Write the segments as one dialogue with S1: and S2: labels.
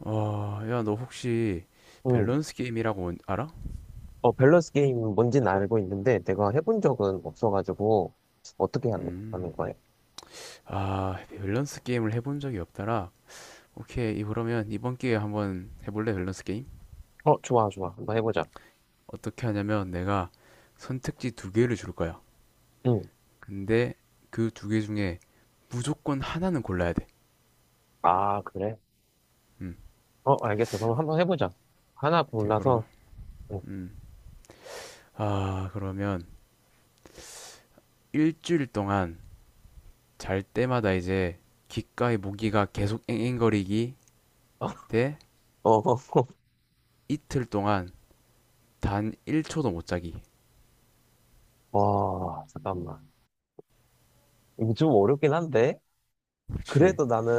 S1: 어, 야, 너 혹시
S2: 음.
S1: 밸런스 게임이라고 알아?
S2: 어, 밸런스 게임 뭔지는 알고 있는데 내가 해본 적은 없어가지고 어떻게 하는
S1: 음,
S2: 거야?
S1: 아, 밸런스 게임을 해본 적이 없더라. 오케이, 그러면 이번 기회에 한번 해볼래, 밸런스 게임?
S2: 어, 좋아, 좋아. 한번 해보자.
S1: 어떻게 하냐면 내가 선택지 두 개를 줄 거야.
S2: 응.
S1: 근데 그 두 개 중에 무조건 하나는 골라야 돼.
S2: 아, 그래?
S1: 음,
S2: 어, 알겠어. 그럼 한번 해보자. 하나
S1: 이제.
S2: 골라서. 응.
S1: 음. 아, 그러면 일주일 동안 잘 때마다 이제 귓가에 모기가 계속 앵앵거리기 대
S2: 어,
S1: 이틀 동안 단 1초도 못 자기.
S2: 어, 와, 잠깐만. 이거 좀 어렵긴 한데?
S1: 그렇지.
S2: 그래도 나는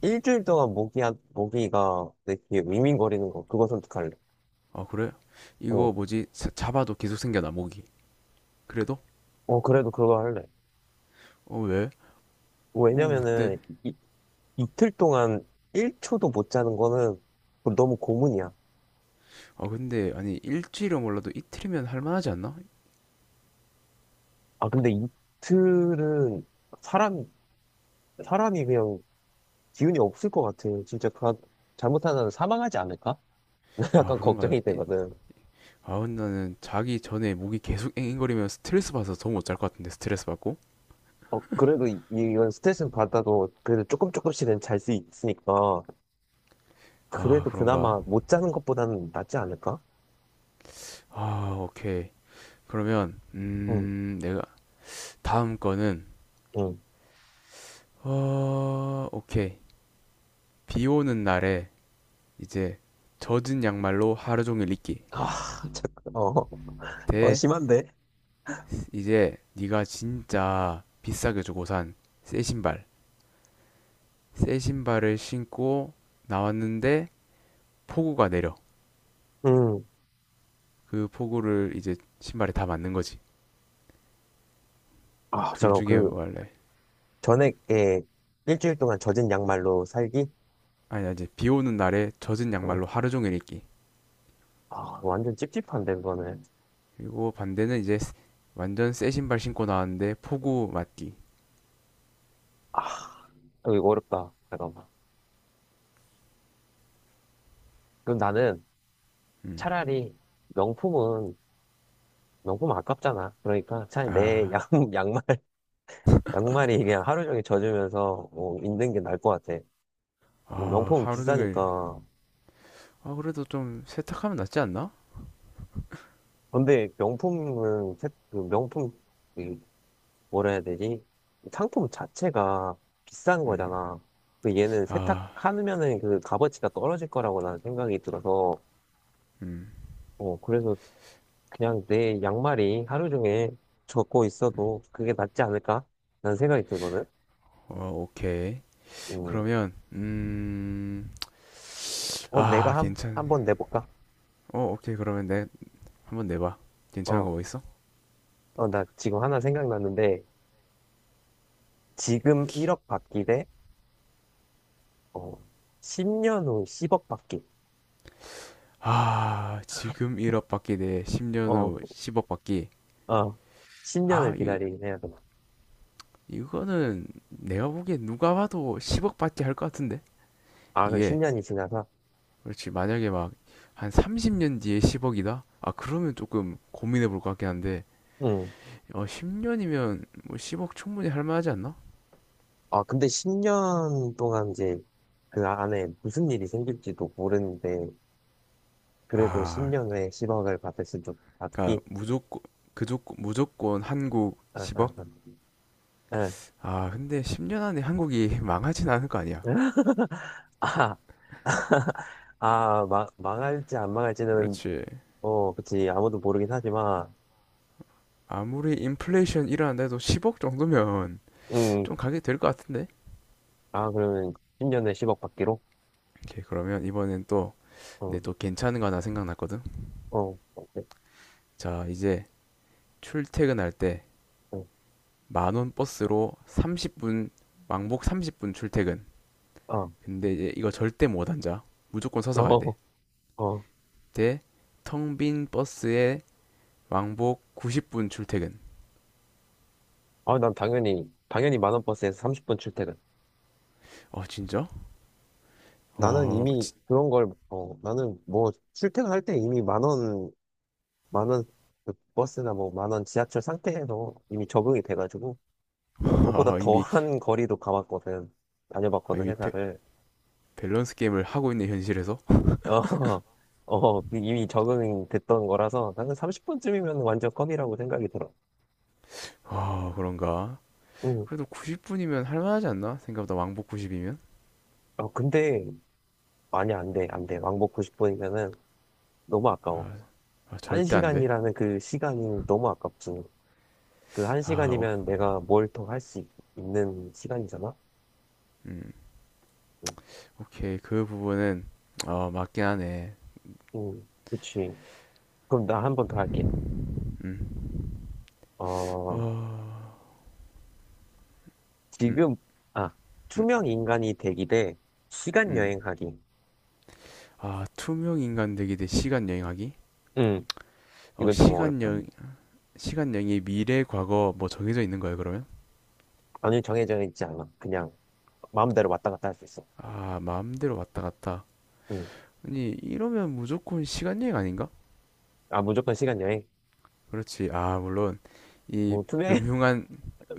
S2: 일주일 동안 모기, 모기가 내 귀에 윙윙거리는 거, 그거 선택할래.
S1: 아, 그래?
S2: 어,
S1: 이거 뭐지? 잡아도 계속 생겨나 모기. 그래도?
S2: 어, 그래도 그거 할래.
S1: 어, 왜? 어, 어때?
S2: 왜냐면은 이틀 동안 1초도 못 자는 거는 너무 고문이야.
S1: 아, 근데 아니 일주일은 몰라도 이틀이면 할만하지 않나?
S2: 아, 근데 이틀은 사람, 사람이 그냥 기운이 없을 것 같아. 잘못하면 사망하지 않을까?
S1: 아,
S2: 약간
S1: 그런가?
S2: 걱정이 되거든.
S1: 아, 근데 나는 자기 전에 모기 계속 앵앵거리면 스트레스 받아서 더 못 잘 것 같은데 스트레스 받고?
S2: 그래도 이건 스트레스는 받아도 그래도 조금씩은 잘 수 있으니까
S1: 아,
S2: 그래도
S1: 그런가?
S2: 그나마 못 자는 것보다는 낫지 않을까?
S1: 아, 오케이. 그러면
S2: 응,
S1: 내가. 다음 거는
S2: 응.
S1: 오케이, 비 오는 날에 이제 젖은 양말로 하루 종일 입기
S2: 아, 잠깐. 어, 어,
S1: 대
S2: 심한데?
S1: 이제 네가 진짜 비싸게 주고 산 새 신발, 새 신발을 신고 나왔는데 폭우가 내려.
S2: 응.
S1: 그 폭우를 이제 신발에 다 맞는 거지.
S2: 아,
S1: 둘
S2: 저
S1: 중에
S2: 그
S1: 뭐 할래?
S2: 전액에 일주일 동안 젖은 양말로 살기?
S1: 아니 이제 비 오는 날에 젖은
S2: 어,
S1: 양말로 하루 종일 입기.
S2: 아, 완전 찝찝한데, 그거는.
S1: 그리고 반대는 이제 완전 새 신발 신고 나왔는데 폭우 맞기.
S2: 아. 어, 이거 어렵다. 잠깐만. 그럼 나는
S1: 음.
S2: 차라리 명품은 명품 아깝잖아.
S1: 아.
S2: 양말, 양말이 그냥 하루 종일 젖으면서 뭐 있는 게 나을 것 같아. 뭐
S1: 아.
S2: 명품은
S1: 하루 종일.
S2: 비싸니까.
S1: 아, 그래도 좀 세탁하면 낫지 않나?
S2: 근데 명품은, 세- 그 명품, 이 뭐라 해야 되지? 상품 자체가 비싼
S1: 음.
S2: 거잖아. 그 얘는
S1: 아.
S2: 세탁하면은 그 값어치가 떨어질 거라고 나는 생각이 들어서,
S1: 음.
S2: 어, 그래서 그냥 내 양말이 하루 종일 젖고 있어도 그게 낫지 않을까? 라는 생각이 들거든.
S1: 어, 오케이.
S2: 음,
S1: 그러면.
S2: 어,
S1: 아,
S2: 내가
S1: 괜찮네.
S2: 한번 내볼까?
S1: 어, 오케이. 그러면 한번 내봐. 괜찮은 거
S2: 어,
S1: 뭐 있어?
S2: 어, 나 지금 하나 생각났는데, 지금 1억 받기 대, 어, 10년 후 10억 받기.
S1: 아, 지금 1억 받기 대 10년
S2: 어,
S1: 후 10억 받기.
S2: 어, 10년을
S1: 아, 이,
S2: 기다리긴 해야 돼.
S1: 이거는 내가 보기엔 누가 봐도 10억 받기 할 것 같은데?
S2: 아, 그럼
S1: 이게,
S2: 10년이 지나서?
S1: 그렇지. 만약에 막, 한 30년 뒤에 10억이다? 아, 그러면 조금 고민해 볼 것 같긴 한데,
S2: 응.
S1: 어, 10년이면 뭐 10억 충분히 할 만하지 않나?
S2: 아, 근데 10년 동안 이제 그 안에 무슨 일이 생길지도 모르는데, 그래도
S1: 아,
S2: 10년 후에 10억을 받을 수도
S1: 그니까
S2: 받기?
S1: 무조건, 그조 무조건 한국
S2: 아, 아,
S1: 10억?
S2: 아.
S1: 아, 근데 10년 안에 한국이 망하진 않을 거 아니야.
S2: 아, 아, 망할지 안 망할지는,
S1: 그렇지.
S2: 어, 그치, 아무도 모르긴 하지만,
S1: 아무리 인플레이션 일어난다 해도 10억 정도면
S2: 음,
S1: 좀 가게 될 것 같은데?
S2: 아, 그러면 10년에 10억 받기로?
S1: 오케이, 그러면 이번엔 또,
S2: 어,
S1: 내 또 괜찮은 거 하나 생각났거든?
S2: 어, 어, 네,
S1: 자, 이제 출퇴근할 때
S2: 어,
S1: 만원 버스로 30분, 왕복 30분 출퇴근.
S2: 어,
S1: 근데 이제 이거 절대 못 앉아. 무조건 서서 가야 돼.
S2: 어, 어.
S1: 대, 텅빈 버스에 왕복 90분 출퇴근.
S2: 아, 난 당연히, 당연히 만원 버스에서 30분 출퇴근.
S1: 어, 진짜?
S2: 나는
S1: 어,
S2: 이미
S1: 진짜.
S2: 그런 걸, 어, 나는 뭐, 출퇴근할 때 이미 만원 그 버스나 뭐, 만 원 지하철 상태에서 이미 적응이 돼가지고, 그것보다
S1: 아, 이미,
S2: 더한 거리도 가봤거든.
S1: 아,
S2: 다녀봤거든,
S1: 이미 배-
S2: 회사를.
S1: 밸런스 게임을 하고 있는 현실에서.
S2: 어, 어, 그 이미 적응이 됐던 거라서 나는 30분쯤이면 완전 껌이라고 생각이 들어.
S1: 아, 그런가?
S2: 응.
S1: 그래도 90분이면 할만하지 않나? 생각보다 왕복 90이면.
S2: 어, 근데, 아니, 안 돼. 왕복 90분이면은 너무 아까워.
S1: 아, 절대 안돼아.
S2: 한시간이라는그 시간이 너무 아깝지. 그
S1: 오,
S2: 한시간이면 내가 뭘 더 할 수 있는 시간이잖아?
S1: 음,
S2: 응,
S1: 오케이, 그 부분은 어, 맞긴 하네.
S2: 응, 그치. 그럼 나 한 번 더 할게. 어,
S1: 어, 음,
S2: 지금, 아, 투명 인간이 되기 대 시간
S1: 음.
S2: 여행하기.
S1: 아, 투명 인간 되기 대 시간 여행하기.
S2: 응,
S1: 어,
S2: 이건 좀
S1: 시간
S2: 어렵다.
S1: 여행. 시간 여행이 미래 과거 뭐 정해져 있는 거예요, 그러면?
S2: 아니, 정해져 있지 않아. 그냥. 마음대로 왔다 갔다 할 수 있어.
S1: 아, 마음대로 왔다 갔다.
S2: 응.
S1: 아니 이러면 무조건 시간 여행 아닌가?
S2: 아, 무조건 시간 여행.
S1: 그렇지. 아, 물론 이
S2: 뭐, 투명해.
S1: 음흉한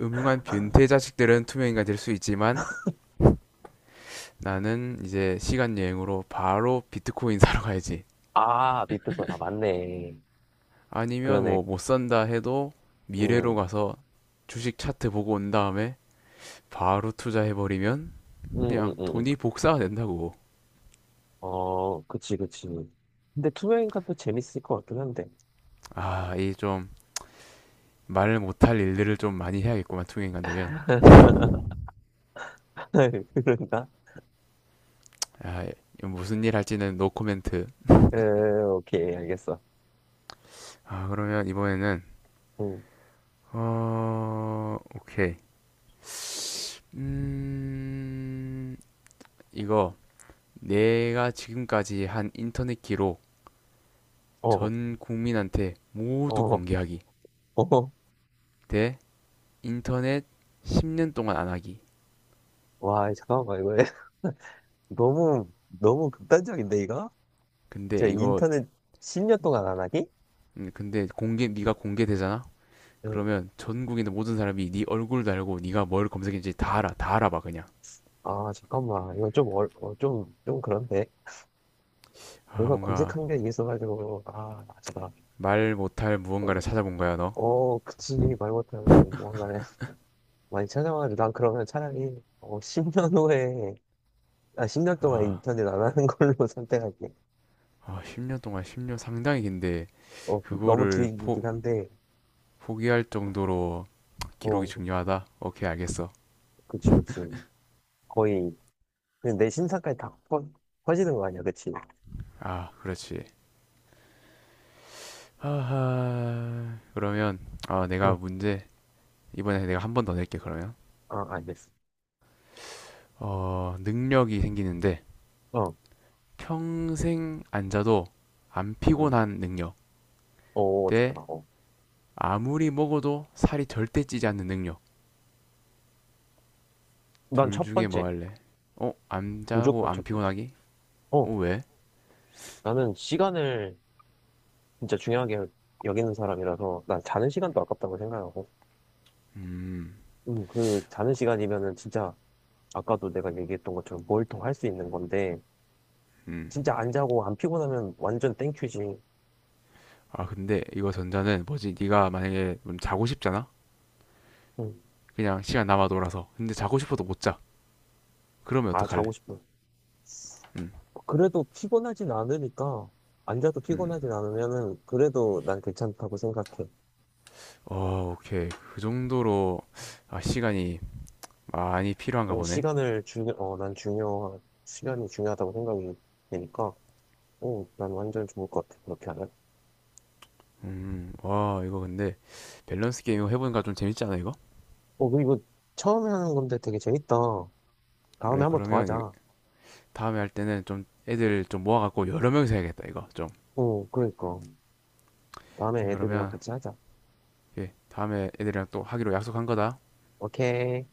S1: 음흉한 변태 자식들은 투명인간 될 수 있지만 나는 이제 시간 여행으로 바로 비트코인 사러 가야지.
S2: 아, 밑에 거다 맞네.
S1: 아니면
S2: 그러네.
S1: 뭐 못 산다 해도 미래로
S2: 응,
S1: 가서 주식 차트 보고 온 다음에 바로 투자해버리면 그냥
S2: 응.
S1: 돈이
S2: 응.
S1: 복사가 된다고.
S2: 어, 그치, 그치. 근데 투명인가 또 재밌을 것 같긴 한데.
S1: 아, 이 좀 말을 못할 일들을 좀 많이 해야겠구만, 투명인간 되면.
S2: 그런가?
S1: 아, 무슨 일 할지는 노 코멘트.
S2: 에, 오케이, 알겠어.
S1: 아, 그러면 이번에는,
S2: 응.
S1: 어, 오케이. 음, 이거 내가 지금까지 한 인터넷 기록
S2: 어,
S1: 전 국민한테 모두
S2: 어,
S1: 공개하기.
S2: 어.
S1: 대 인터넷 10년 동안 안 하기.
S2: 와, 잠깐만, 이거 너무 극단적인데, 이거?
S1: 근데
S2: 제가
S1: 이거.
S2: 인터넷 10년 동안 안 하기?
S1: 근데 공개 네가 공개되잖아.
S2: 응.
S1: 그러면 전국에 있는 모든 사람이 네 얼굴도 알고 네가 뭘 검색했는지 다 알아. 다 알아봐 그냥.
S2: 아, 잠깐만. 이거 좀 그런데.
S1: 아,
S2: 내가
S1: 뭔가
S2: 검색한 게 있어가지고, 아, 제가,
S1: 말 못할
S2: 어,
S1: 무언가를 찾아본 거야, 너.
S2: 어, 그치, 말 못하면, 뭔가를 많이 찾아와가지고, 난 그러면 차라리, 어, 10년 후에, 아, 10년 동안
S1: 아.
S2: 인터넷 안 하는 걸로 선택할게.
S1: 10년 상당히 긴데
S2: 어, 너무
S1: 그거를
S2: 길긴
S1: 포
S2: 한데,
S1: 포기할 정도로 기록이
S2: 어,
S1: 중요하다. 오케이, 알겠어.
S2: 그치, 그치. 거의, 그냥 내 신상까지 다 퍼, 퍼지는 거 아니야, 그치?
S1: 아, 그렇지. 하하. 그러면 내가
S2: 응,
S1: 문제 이번에 내가 한 번 더 낼게 그러면.
S2: 아, 알겠어.
S1: 어, 능력이 생기는데
S2: 어,
S1: 평생 앉아도 안
S2: 응.
S1: 피곤한 능력
S2: 어,
S1: 대
S2: 좋다. 어.
S1: 아무리 먹어도 살이 절대 찌지 않는 능력.
S2: 난
S1: 둘
S2: 첫
S1: 중에 뭐
S2: 번째.
S1: 할래? 어, 안 자고
S2: 무조건
S1: 안
S2: 첫 번째.
S1: 피곤하기?
S2: 어,
S1: 어, 왜?
S2: 나는 시간을 진짜 중요하게 여기는 사람이라서 난 자는 시간도 아깝다고 생각하고
S1: 음.
S2: 그 자는 시간이면은 진짜 아까도 내가 얘기했던 것처럼 뭘입할 수 있는 건데
S1: 음.
S2: 진짜 안 자고 안 피곤하면 완전 땡큐지.
S1: 아, 근데 이거 전자는 뭐지? 네가 만약에 자고 싶잖아.
S2: 음,
S1: 그냥 시간 남아 돌아서. 근데 자고 싶어도 못 자. 그러면
S2: 아 자고
S1: 어떡할래?
S2: 싶어
S1: 음.
S2: 그래도 피곤하진 않으니까 안 자도
S1: 음.
S2: 피곤하진 않으면은 그래도 난 괜찮다고 생각해.
S1: 어, 오케이. 그 정도로 시간이 많이 필요한가
S2: 난
S1: 보네.
S2: 시간을 중요 어난 중요 시간이 중요하다고 생각이 되니까 어난 완전 좋을 것 같아 그렇게 하면.
S1: 와, 이거 근데 밸런스 게임 이거 해보니까 좀 재밌지 않아, 이거?
S2: 어 그리고 처음에 하는 건데 되게 재밌다. 다음에
S1: 그래,
S2: 한 번 더
S1: 그러면 이거
S2: 하자.
S1: 다음에 할 때는 좀 애들 좀 모아갖고 여러 명이서 해야겠다, 이거 좀.
S2: 어, 그러니까. 다음에
S1: 오케이,
S2: 애들이랑
S1: 그러면,
S2: 같이 하자.
S1: 예, 다음에 애들이랑 또 하기로 약속한 거다.
S2: 오케이.